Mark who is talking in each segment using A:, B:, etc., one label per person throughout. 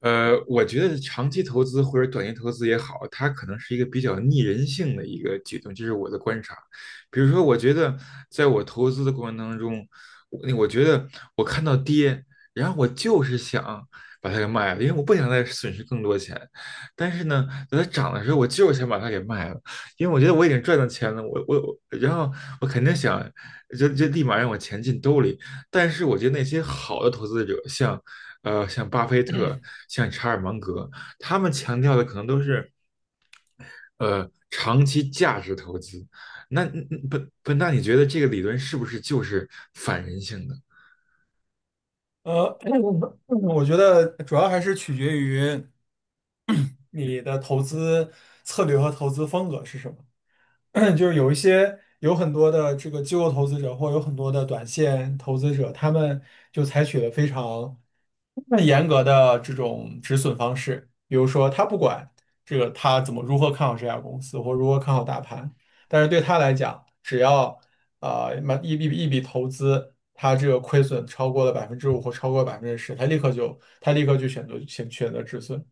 A: 我觉得长期投资或者短期投资也好，它可能是一个比较逆人性的一个举动，这是我的观察。比如说，我觉得在我投资的过程当中，我觉得我看到跌，然后我就是想把它给卖了，因为我不想再损失更多钱。但是呢，等它涨的时候，我就是想把它给卖了，因为我觉得我已经赚到钱了，我我我然后我肯定想就立马让我钱进兜里。但是我觉得那些好的投资者，像巴菲特、像查尔芒格，他们强调的可能都是长期价值投资。那本大，你觉得这个理论是不是就是反人性的？
B: 呃，我觉得主要还是取决于 你的投资策略和投资风格是什么。就是有一些有很多的这个机构投资者，或有很多的短线投资者，他们就采取了非常严格的这种止损方式，比如说他不管这个他如何看好这家公司，或如何看好大盘，但是对他来讲，只要买一笔投资，他这个亏损超过了5%或超过百分之十，他立刻就选择选择止损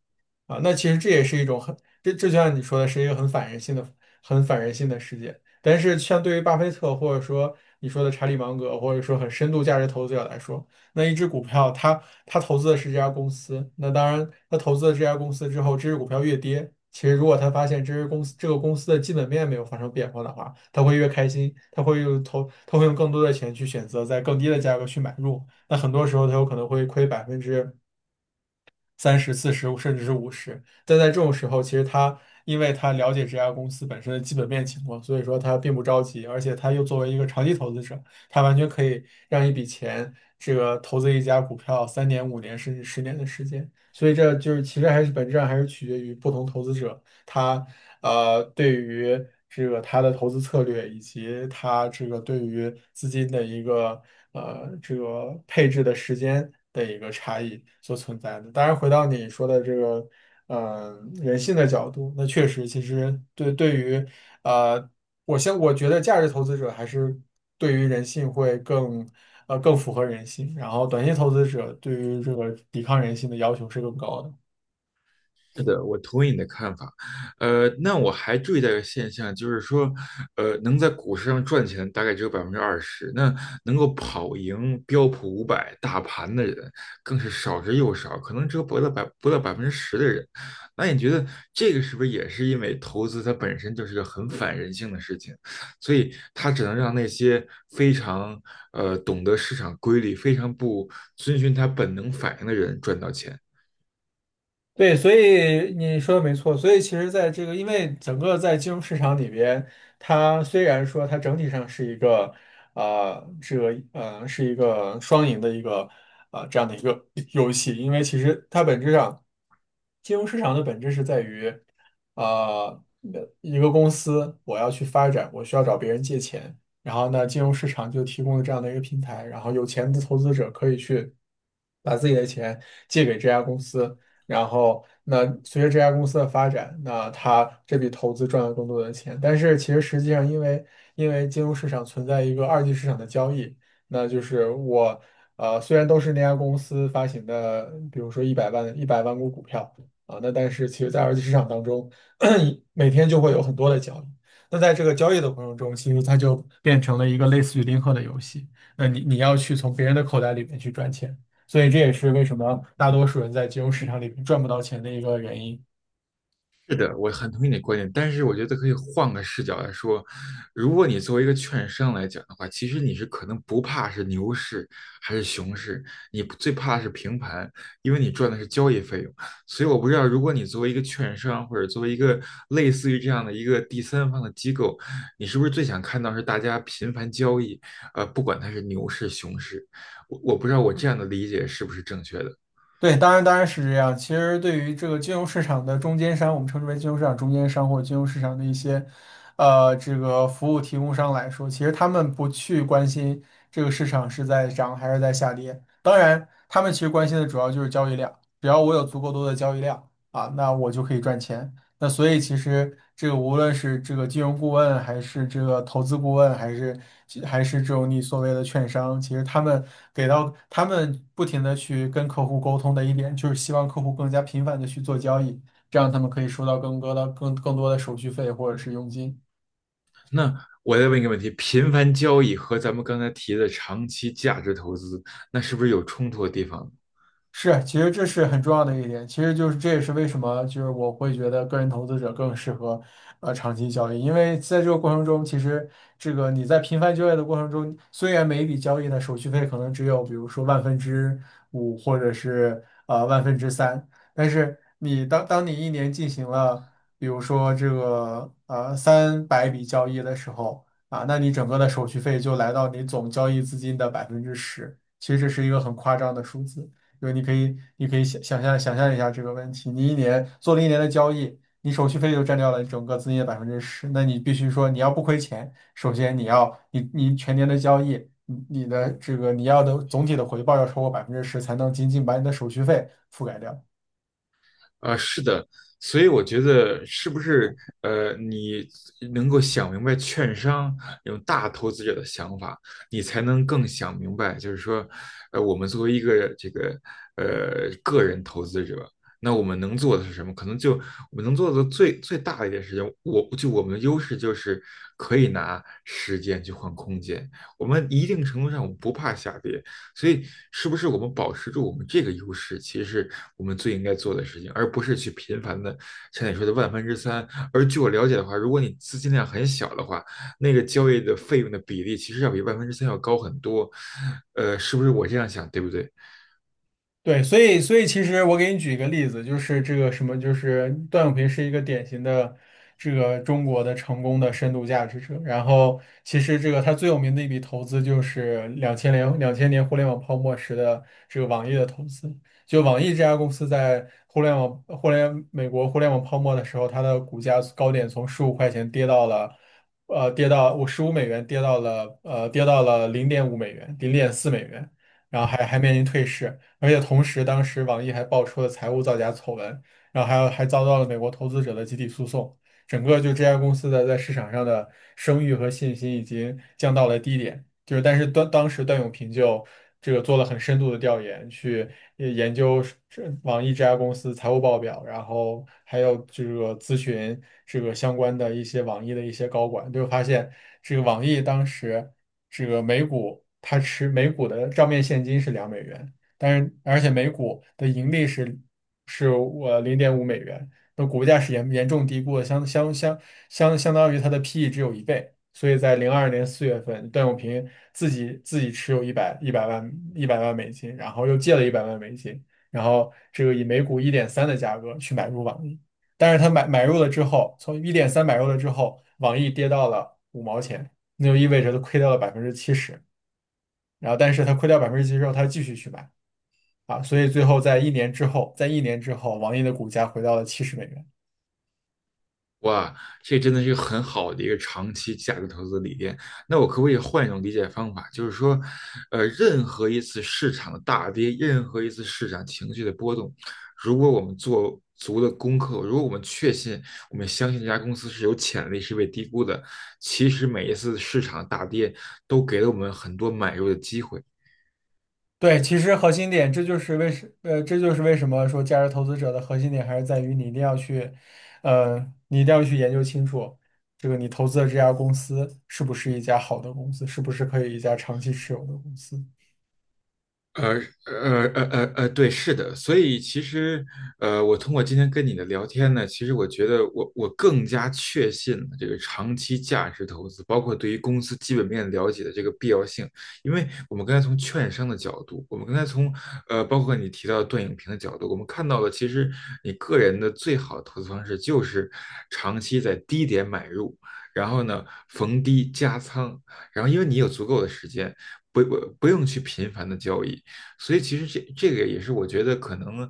B: 啊。那其实这也是一种这就像你说的是一个很反人性的世界。但是像对于巴菲特或者说你说的查理芒格或者说很深度价值投资者来说，那一只股票，他投资的是这家公司，那当然，他投资了这家公司之后，这只股票越跌，其实如果他发现这个公司的基本面没有发生变化的话，他会越开心，他会用更多的钱去选择在更低的价格去买入。那很多时候，他有可能会亏30%、40%，甚至是50%。但在这种时候，其实因为他了解这家公司本身的基本面情况，所以说他并不着急，而且他又作为一个长期投资者，他完全可以让一笔钱投资一家股票3年、5年甚至10年的时间。所以这就是其实还是本质上还是取决于不同投资者。他对于这个他的投资策略以及他对于资金的一个配置的时间的一个差异所存在的。当然，回到你说的这个人性的角度，那确实，其实对于呃，我觉得价值投资者还是对于人性会更。更符合人性，然后短线投资者对于这个抵抗人性的要求是更高的。
A: 是的，我同意你的看法。那我还注意到一个现象，就是说，能在股市上赚钱的大概只有20%，那能够跑赢标普500大盘的人更是少之又少，可能只有不到10%的人。那你觉得这个是不是也是因为投资它本身就是个很反人性的事情，所以它只能让那些非常懂得市场规律、非常不遵循它本能反应的人赚到钱？
B: 对，所以你说的没错。所以其实，在这个，因为整个在金融市场里边，它虽然说它整体上是一个，是一个双赢的一个，这样的一个游戏。因为其实它本质上，金融市场的本质是在于，呃，一个公司我要去发展，我需要找别人借钱，然后呢，金融市场就提供了这样的一个平台，然后有钱的投资者可以去把自己的钱借给这家公司。然后那随着这家公司的发展，那他这笔投资赚了更多的钱。但是其实实际上，因为金融市场存在一个二级市场的交易，那就是我虽然都是那家公司发行的，比如说一百万股股票啊，那但是其实在二级市场当中，每天就会有很多的交易。那在这个交易的过程中，其实它就变成了一个类似于零和的游戏。那你要去从别人的口袋里面去赚钱。所以这也是为什么大多数人在金融市场里面赚不到钱的一个原因。
A: 是的，我很同意你的观点，但是我觉得可以换个视角来说，如果你作为一个券商来讲的话，其实你是可能不怕是牛市还是熊市，你不最怕是平盘，因为你赚的是交易费用。所以我不知道，如果你作为一个券商或者作为一个类似于这样的一个第三方的机构，你是不是最想看到是大家频繁交易？不管它是牛市熊市，我不知道我这样的理解是不是正确的。
B: 对，当然当然是这样。其实对于这个金融市场的中间商，我们称之为金融市场中间商或者金融市场的一些，这个服务提供商来说，其实他们不去关心这个市场是在涨还是在下跌。当然，他们其实关心的主要就是交易量，只要我有足够多的交易量啊，那我就可以赚钱。那所以其实这个无论是这个金融顾问，还是这个投资顾问，还是这种你所谓的券商，其实他们他们不停的去跟客户沟通的一点，就是希望客户更加频繁的去做交易，这样他们可以收到更多的手续费或者是佣金。
A: 那我再问一个问题：频繁交易和咱们刚才提的长期价值投资，那是不是有冲突的地方呢？
B: 是，其实这是很重要的一点，其实就是这也是为什么就是我会觉得个人投资者更适合长期交易，因为在这个过程中，其实这个你在频繁交易的过程中，虽然每一笔交易的手续费可能只有比如说万分之五或者是万分之三，但是你当你一年进行了比如说这个300笔交易的时候啊，那你整个的手续费就来到你总交易资金的百分之十，其实这是一个很夸张的数字。对，你可以想象一下这个问题。你一年做了一年的交易，你手续费就占掉了整个资金的百分之十，那你必须说你要不亏钱，首先你全年的交易，你的你要的总体的回报要超过百分之十，才能仅仅把你的手续费覆盖掉。
A: 啊，是的，所以我觉得是不是你能够想明白券商这种大投资者的想法，你才能更想明白，就是说，我们作为一个这个个人投资者，那我们能做的是什么？可能就我们能做的最大的一件事情，我就我们的优势就是可以拿时间去换空间，我们一定程度上我们不怕下跌，所以，是不是我们保持住我们这个优势，其实是我们最应该做的事情，而不是去频繁的像你说的万分之三。而据我了解的话，如果你资金量很小的话，那个交易的费用的比例其实要比万分之三要高很多。是不是我这样想，对不对？
B: 对，所以其实我给你举一个例子，就是这个什么，就是段永平是一个典型的中国的成功的深度价值者。然后其实这个他最有名的一笔投资就是两千年互联网泡沫时的网易的投资。就网易这家公司在互联网互联美国互联网泡沫的时候，它的股价高点从15块跌到了。跌到我15美元，跌到了零点五美元，0.4美元，然后还面临退市。而且同时，当时网易还爆出了财务造假丑闻，然后还遭到了美国投资者的集体诉讼，整个就这家公司的在市场上的声誉和信心已经降到了低点。就是，但是当时段永平就这个做了很深度的调研，去研究网易这家公司财务报表，然后还有这个咨询这个相关的一些网易的一些高管，就发现这个网易当时这个每股每股的账面现金是2美元。但是而且每股的盈利是零点五美元，那股价是严重低估的，相当于它的 PE 只有一倍。所以在02年4月份，段永平自己持有一百万美金，然后又借了一百万美金，然后以每股一点三的价格去买入网易。但是他买入了之后，从一点三买入了之后，网易跌到了五毛钱，那就意味着他亏掉了百分之七十。然后，但是他亏掉百分之七十之后，他继续去买。啊，所以最后在一年之后，网易的股价回到了70美元。
A: 哇，这真的是很好的一个长期价值投资理念。那我可不可以换一种理解方法，就是说，任何一次市场的大跌，任何一次市场情绪的波动，如果我们做足了功课，如果我们确信，我们相信这家公司是有潜力，是被低估的，其实每一次市场大跌都给了我们很多买入的机会。
B: 对，其实核心点，这就是为什么说价值投资者的核心点还是在于呃，你一定要去研究清楚，这个你投资的这家公司是不是一家好的公司，是不是可以一家长期持有的公司。
A: 呃对，是的，所以其实，我通过今天跟你的聊天呢，其实我觉得我更加确信了这个长期价值投资，包括对于公司基本面了解的这个必要性。因为我们刚才从券商的角度，我们刚才从包括你提到的段永平的角度，我们看到了其实你个人的最好的投资方式就是长期在低点买入，然后呢逢低加仓，然后因为你有足够的时间。不用去频繁的交易，所以其实这个也是我觉得可能，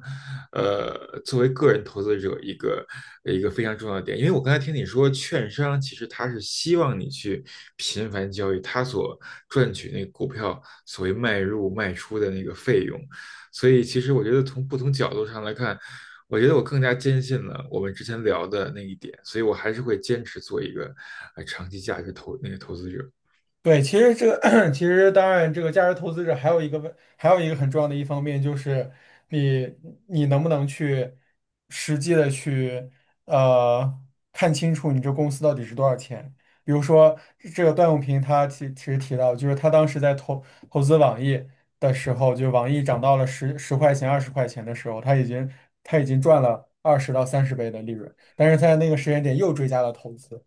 A: 呃，作为个人投资者一个非常重要的点，因为我刚才听你说，券商其实他是希望你去频繁交易，他所赚取那个股票所谓卖入卖出的那个费用，所以其实我觉得从不同角度上来看，我觉得我更加坚信了我们之前聊的那一点，所以我还是会坚持做一个长期价值投那个投资者。
B: 对，其实其实当然，这个价值投资者还有一个很重要的一方面就是你，你能不能去实际的去呃看清楚你这公司到底是多少钱？比如说段永平他其实提到，就是他当时在投资网易的时候，就网易涨到了十块钱、20块的时候，他已经赚了20到30倍的利润，但是在那个时间点又追加了投资。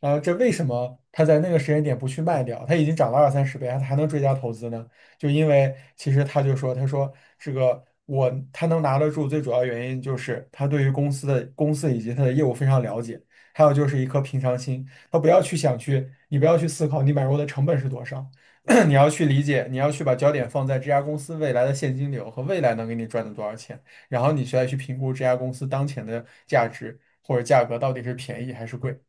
B: 然后这为什么他在那个时间点不去卖掉？他已经涨了二三十倍，他还能追加投资呢？就因为其实他就说，他说这个我他能拿得住，最主要原因就是他对于公司以及他的业务非常了解，还有就是一颗平常心，他不要去想去，你不要去思考你买入的成本是多少，你要去理解，你要去把焦点放在这家公司未来的现金流和未来能给你赚的多少钱，然后你再去评估这家公司当前的价值或者价格到底是便宜还是贵。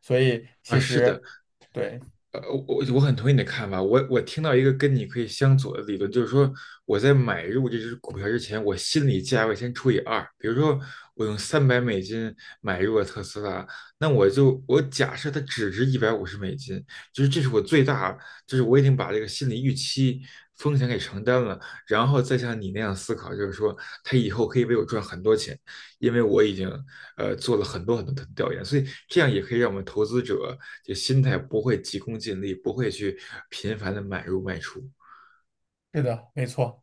B: 所以
A: 啊，
B: 其
A: 是的，
B: 实对，
A: 我很同意你的看法。我听到一个跟你可以相左的理论，就是说我在买入这只股票之前，我心理价位先除以二。比如说，我用300美金买入了特斯拉，那我假设它只值150美金，就是这是我最大，就是我已经把这个心理预期风险给承担了，然后再像你那样思考，就是说它以后可以为我赚很多钱。因为我已经做了很多很多的调研，所以这样也可以让我们投资者就心态不会急功近利，不会去频繁的买入卖出。
B: 是的，没错。